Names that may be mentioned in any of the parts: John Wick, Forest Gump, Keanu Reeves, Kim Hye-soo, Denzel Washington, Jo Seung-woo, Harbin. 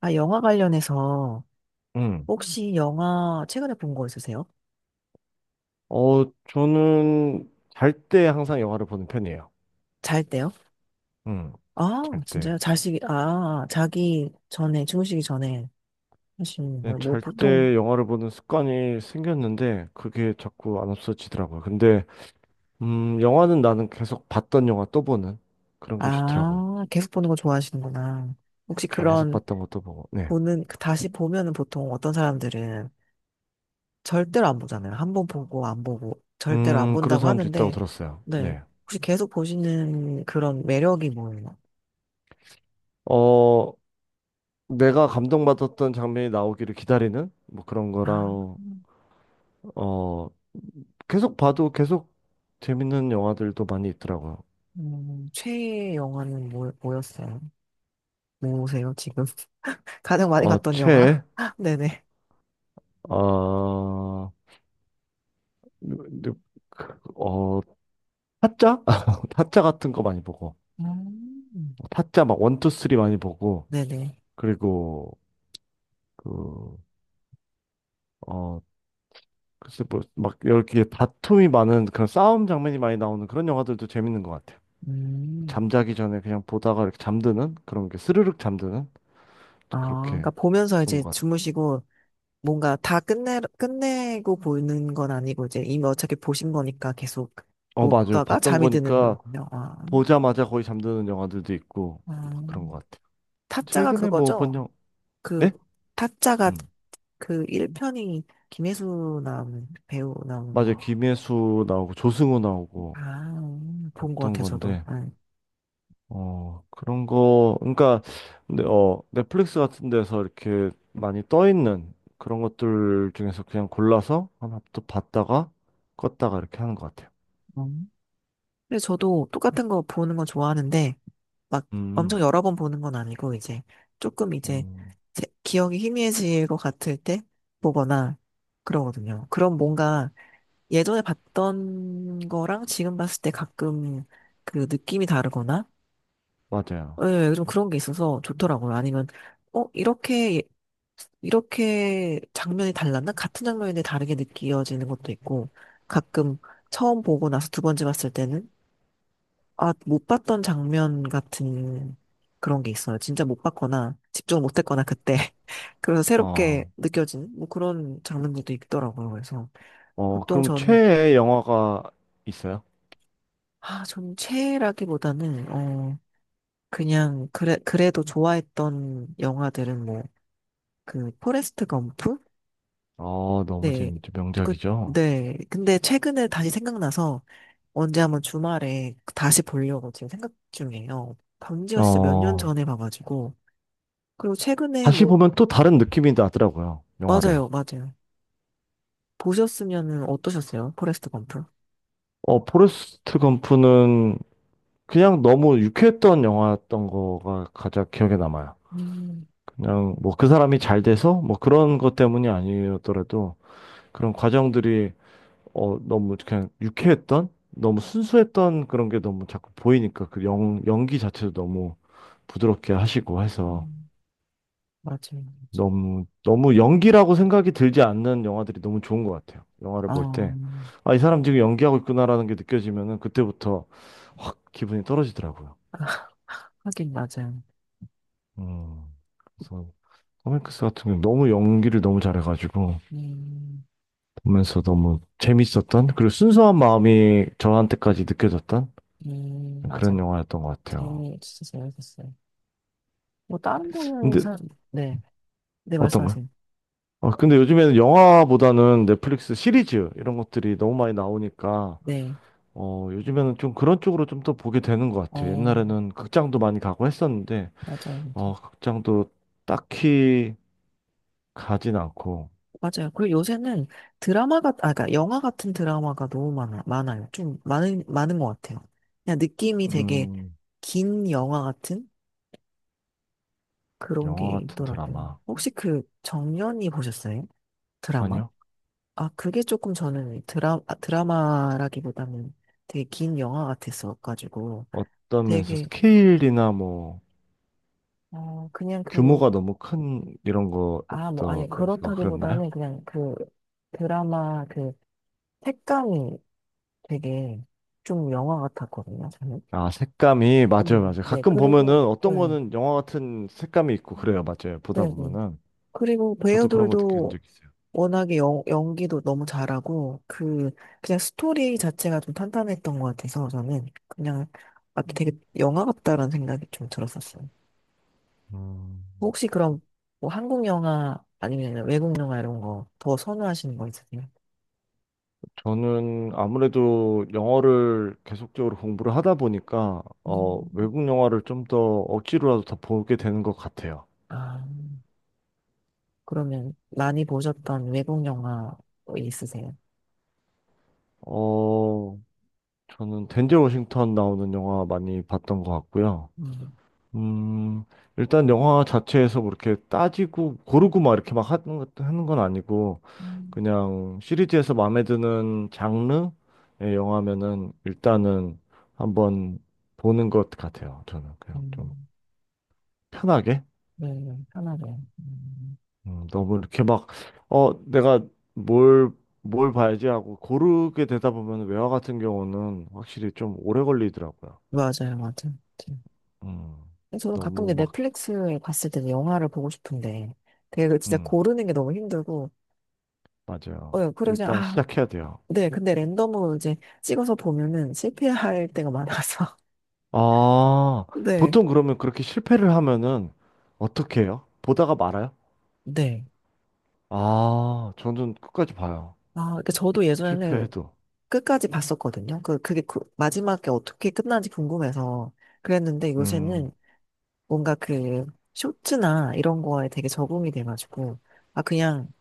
아, 영화 관련해서 음. 혹시 영화 최근에 본 거 있으세요? 어, 저는 잘 때 항상 영화를 보는 편이에요. 잘 때요? 음. 아, 잘 때. 진짜요? 자식이, 아, 자기 전에, 주무시기 전에 하시는 네, 거. 뭐, 보통, 잘때 영화를 보는 습관이 생겼는데 그게 자꾸 안 없어지더라고요. 근데 영화는 나는 계속 봤던 영화 또 보는 그런 게 좋더라고요. 아, 계속 보는 거 좋아하시는구나. 혹시 계속 그런, 봤던 것도 보고. 네. 보는, 그 다시 보면은 보통 어떤 사람들은 절대로 안 보잖아요. 한번 보고 안 보고, 절대로 안 그런 본다고 사람도 있다고 하는데, 들었어요. 네. 네. 혹시 계속 보시는 그런 매력이 뭐예요? 어, 내가 감동받았던 장면이 나오기를 기다리는 뭐 그런 아, 거랑 어, 계속 봐도 계속 재밌는 영화들도 많이 있더라고요. 최애 영화는 뭐, 뭐였어요? 뭐세요, 지금? 가장 많이 어, 봤던 영화? 최, 네네. 어, 누- 누- 그, 어, 타짜? 타짜 같은 거 많이 보고, 음. 타짜 막 원, 투, 쓰리 많이 보고, 네네. 그리고, 그, 어, 글쎄 뭐, 막 이렇게 다툼이 많은 그런 싸움 장면이 많이 나오는 그런 영화들도 재밌는 것 같아요. 음. 잠자기 전에 그냥 보다가 이렇게 잠드는 그런 게 스르륵 잠드는 아, 그렇게 그러니까 보면서 그런 이제 것 같아요. 주무시고 뭔가 다 끝내고 보는 건 아니고 이제 이미 어차피 보신 거니까 계속 어, 맞아요. 보다가 봤던 잠이 드는 거니까 거군요. 아. 보자마자 거의 잠드는 영화들도 있고, 아, 막 그런 것 같아요. 타짜가 최근에 뭐 본 그거죠? 영, 화 그 네? 타짜가 음. 그 1편이 김혜수 나오는 배우 나오는 맞아요. 거. 김혜수 나오고 조승우 나오고 아, 본 것 했던 같아요, 저도. 건데 네. 어 그런 거 그러니까 근데 어 넷플릭스 같은 데서 이렇게 많이 떠 있는 그런 것들 중에서 그냥 골라서 하나 또 봤다가 껐다가 이렇게 하는 것 같아요. 음. 근데 저도 똑같은 거 보는 거 좋아하는데 막 엄청 음, 여러 번 보는 건 아니고 이제 조금 이제 음, 기억이 희미해질 것 같을 때 보거나 그러거든요. 그럼 뭔가 예전에 봤던 거랑 지금 봤을 때 가끔 그 느낌이 다르거나 맞아요. 예, 좀 그런 게 있어서 좋더라고요. 아니면 어 이렇게 예, 이렇게 장면이 달랐나? 같은 장면인데 다르게 느껴지는 것도 있고 가끔 처음 보고 나서 두 번째 봤을 때는 아, 못 봤던 장면 같은 그런 게 있어요. 진짜 못 봤거나 집중을 못 했거나 그때. 그래서 새롭게 어, 느껴지는 뭐 그런 장면들도 있더라고요. 그래서 보통 그럼 저는, 최애 영화가 있어요? 아, 저는 최애라기보다는, 어, 그냥, 그래, 그래도 좋아했던 영화들은 뭐, 그, 포레스트 검프? 어, 너무 네. 재밌죠. 그, 명작이죠. 네. 근데 최근에 다시 생각나서 언제 한번 주말에 다시 보려고 지금 생각 중이에요. 본지가 진짜 몇 년 어, 전에 봐가지고. 그리고 최근에 다시 뭐 보면 또 다른 느낌이 나더라고요. 영화를. 맞아요, 맞아요. 보셨으면은 어떠셨어요? 포레스트 검프? 어, 포레스트 검프는 그냥 너무 유쾌했던 영화였던 거가 가장 기억에 남아요. 음, 그냥 뭐 그 사람이 잘 돼서 뭐 그런 것 때문이 아니었더라도 그런 과정들이 너무 그냥 유쾌했던 너무 순수했던 그런 게 너무 자꾸 보이니까 그 연기 자체도 너무 부드럽게 하시고 해서 음, 맞아요, 맞아요. 너무 너무 연기라고 생각이 들지 않는 영화들이 너무 좋은 것 같아요. 영화를 볼 아, 때. 아, 이 사람 지금 연기하고 있구나라는 게 느껴지면은 그때부터 확 기분이 떨어지더라고요. 하긴 맞아요. 음. 그래서 커밍크스 같은 경우 너무 연기를 너무 잘해가지고 음, 보면서 너무 재밌었던 그리고 순수한 마음이 저한테까지 느껴졌던 그런 맞아. 영화였던 것 같아요. 재미, 진짜 재밌었어요. 뭐, 다른 거는 근데 사, 네. 네, 어떤가요? 말씀하세요. 아, 근데 요즘에는 영화보다는 넷플릭스 시리즈 이런 것들이 너무 많이 나오니까 네, 요즘에는 좀 그런 쪽으로 좀 더 보게 되는 것 같아요. 어, 옛날에는 극장도 많이 가고 했었는데 맞아요, 맞아요. 어, 극장도 딱히 가진 않고. 맞아요. 그리고 요새는 드라마가, 아, 그러니까 영화 같은 드라마가 너무 많아요. 좀 많은 것 같아요. 그냥 느낌이 되게 음, 긴 영화 같은? 그런 게 영화 같은 있더라고요. 드라마. 혹시 그 정년이 보셨어요? 드라마? 아니요. 아, 그게 조금 저는 드라, 아, 드라마라기보다는 되게 긴 영화 같았어가지고 어떤 면에서 되게, 스케일이나 뭐 어, 그냥 그, 규모가 너무 큰 이런 아, 뭐, 아니, 것도 이거 그랬나요? 그렇다기보다는 그냥 그 드라마 그 색감이 되게 좀 영화 같았거든요, 저는. 아, 색감이 맞아요, 맞아요. 네, 가끔 보면은 그리고, 어떤 네, 거는 영화 같은 색감이 있고 그래요, 맞아요. 보다 네, 네. 보면은 그리고 저도 그런 거 느낀 배우들도 적 있어요. 워낙에 연기도 너무 잘하고, 그, 그냥 스토리 자체가 좀 탄탄했던 것 같아서 저는 그냥, 아, 되게 영화 같다라는 생각이 좀 들었었어요. 음, 혹시 그럼 뭐 한국 영화 아니면 외국 영화 이런 거 더 선호하시는 거 있으세요? 저는 아무래도 영어를 계속적으로 공부를 하다 보니까 음. 외국 영화를 좀 더 억지로라도 더 보게 되는 것 같아요. 아, 그러면 많이 보셨던 외국 영화 뭐 있으세요? 어, 저는 덴젤 워싱턴 나오는 영화 많이 봤던 것 같고요. 음. 음, 일단 영화 자체에서 그렇게 따지고 고르고 막 이렇게 막 하는 건 아니고 음. 그냥 시리즈에서 마음에 드는 장르의 영화면은 일단은 한번 보는 것 같아요. 저는 그냥 좀 음, 편하게. 네, 네, 편하게. 음. 너무 이렇게 막 내가 뭘 뭘 봐야지 하고 고르게 되다 보면 외화 같은 경우는 확실히 좀 오래 걸리더라고요. 맞아요, 맞아요. 음, 저도 가끔 너무 이제 막. 넷플릭스에 봤을 때 영화를 보고 싶은데 되게 그 진짜 음, 고르는 게 너무 힘들고 맞아요. 어 그래 그냥 일단 아 시작해야 돼요. 네 근데 랜덤으로 이제 찍어서 보면은 실패할 때가 많아서 아, 네 보통 그러면 그렇게 실패를 하면은 어떻게 해요? 보다가 말아요? 네. 아, 저는 끝까지 봐요. 아, 그러니까 저도 예전에는 실패해도. 끝까지 봤었거든요. 그, 그게 마지막에 어떻게 끝나는지 궁금해서 그랬는데 요새는 음, 뭔가 그 쇼츠나 이런 거에 되게 적응이 돼가지고 아, 그냥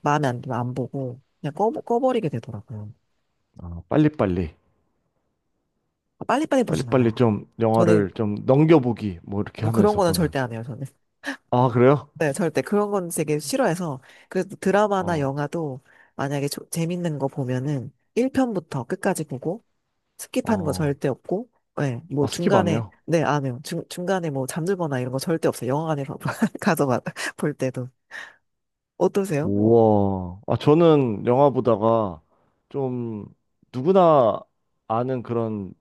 마음에 안 들면 안 보고 그냥 꺼버리게 되더라고요. 아, 빨리빨리. 아, 빨리빨리 보진 빨리빨리 않아요. 좀 저는 영화를 좀 넘겨보기, 뭐 이렇게 뭐 그런 하면서 거는 보는. 절대 안 해요, 저는. 아, 그래요? 네, 절대. 그런 건 되게 싫어해서. 그래서 드라마나 어, 영화도 만약에 재밌는 거 보면은 1편부터 끝까지 보고 스킵하는 거 어, 절대 없고, 네, 뭐 아, 스킵 안 중간에, 해요. 네, 안 해요. 중간에 뭐 잠들거나 이런 거 절대 없어요. 영화관에서 가서 볼 때도. 어떠세요? 뭐, 우와. 아, 저는 영화 보다가 좀 누구나 아는 그런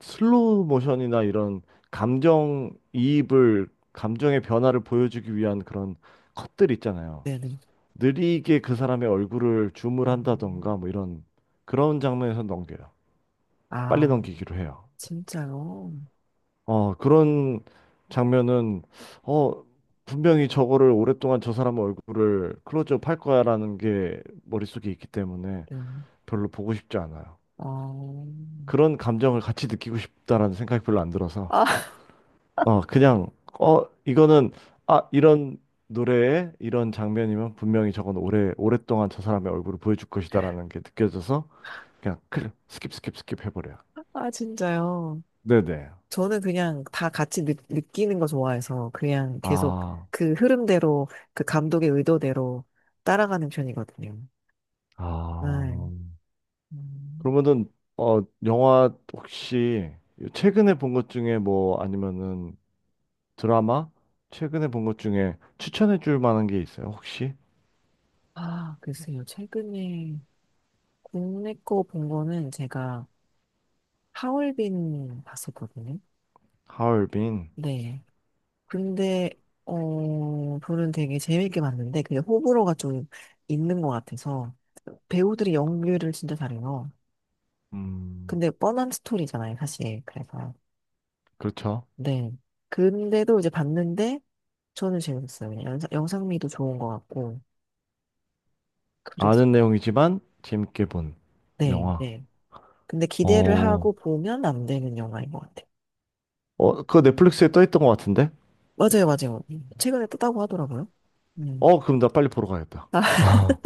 슬로우 모션이나 이런 감정의 변화를 보여주기 위한 그런 컷들 있잖아요. 네네. 느리게 그 사람의 얼굴을 줌을 음. 한다던가 뭐 이런 그런 장면에서 넘겨요. 빨리 아, 넘기기로 해요. 진짜요? 그런 장면은, 어, 분명히 저거를 오랫동안 저 사람 얼굴을 클로즈업 할 거야라는 게 머릿속에 있기 때문에 네. 별로 보고 싶지 않아요. 아, 그런 감정을 같이 느끼고 싶다라는 생각이 별로 안 들어서, 아, 어, 그냥, 어, 이거는, 아, 이런 노래에 이런 장면이면 분명히 저건 오래, 오랫동안 저 사람의 얼굴을 보여줄 것이다라는 게 느껴져서 그냥 클릭, 스킵, 스킵, 스킵 해버려요. 아, 진짜요? 네네. 저는 그냥 다 같이 느끼는 거 좋아해서 그냥 계속 아, 그 흐름대로 그 감독의 의도대로 따라가는 편이거든요. 아. 네. 음. 영화 혹시 최근에 본 것 중에 뭐 아니면은 드라마? 최근에 본 것 중에 추천해 줄 만한 게 있어요, 혹시? 아, 글쎄요. 최근에 국내 거 본 거는 제가 하얼빈 봤었거든요. 하얼빈. 네. 근데, 어, 저는 되게 재밌게 봤는데 그게 호불호가 좀 있는 것 같아서 배우들이 연기를 진짜 잘해요. 음, 근데 뻔한 스토리잖아요, 사실. 그래서. 그렇죠. 네. 근데도 이제 봤는데 저는 재밌었어요. 그냥 영상미도 좋은 것 같고. 그래서 아는 내용이지만 재밌게 본 네, 영화. 네. 근데 기대를 어, 하고 보면 안 되는 영화인 것 같아요. 어, 그거 넷플릭스에 떠 있던 것 같은데? 맞아요, 맞아요. 최근에 떴다고 하더라고요. 음. 어, 그럼 나 빨리 보러 가야겠다. 아,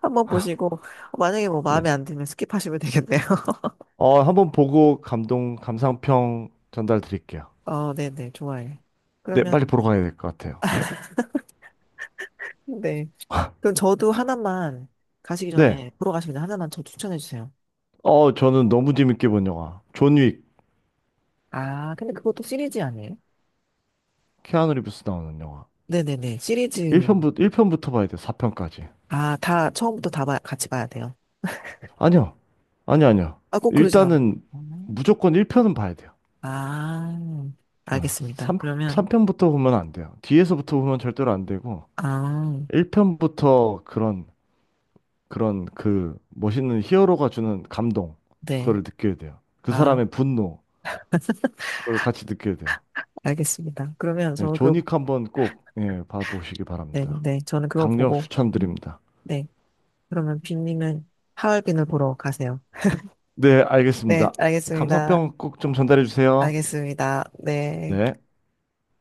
한번 보시고 만약에 뭐 마음에 네. 안 들면 스킵하시면 되겠네요. 어, 한번 보고 감동, 감상평 전달 드릴게요. 어, 네, 네, 좋아요. 네, 빨리 그러면 보러 가야 될 것 같아요. 네. 그럼 저도 하나만 가시기 네. 전에 보러 가시기 전에 하나만 저 추천해 주세요. 어, 저는 너무 재밌게 본 영화. 존 윅, 아, 근데 그것도 시리즈 아니에요? 키아누 리브스 나오는 영화. 네네네. 시리즈. 일편부터 봐야 돼, 4편까지. 아, 다, 처음부터 같이 봐야 돼요. 아니요. 아니요, 아니요. 아, 꼭 그러진 않고. 일단은 무조건 1편은 봐야 돼요. 아, 아, 알겠습니다. 3, 그러면, 삼편부터 보면 안 돼요. 뒤에서부터 보면 절대로 안 되고, 아, 1편부터 그런, 그런 그 멋있는 히어로가 주는 감동, 그거를 네. 느껴야 돼요. 그 아, 사람의 분노, 그걸 같이 느껴야 돼요. 알겠습니다. 그러면 예, 저는 그, 존윅 한번 꼭, 예, 봐보시기 네, 바랍니다. 네. 저는 그거 강력 보고, 추천드립니다. 네. 그러면 빈님은 하얼빈을 보러 가세요. 네, 네, 알겠습니다. 알겠습니다. 감상평 꼭 좀 전달해 주세요. 알겠습니다. 네. 네.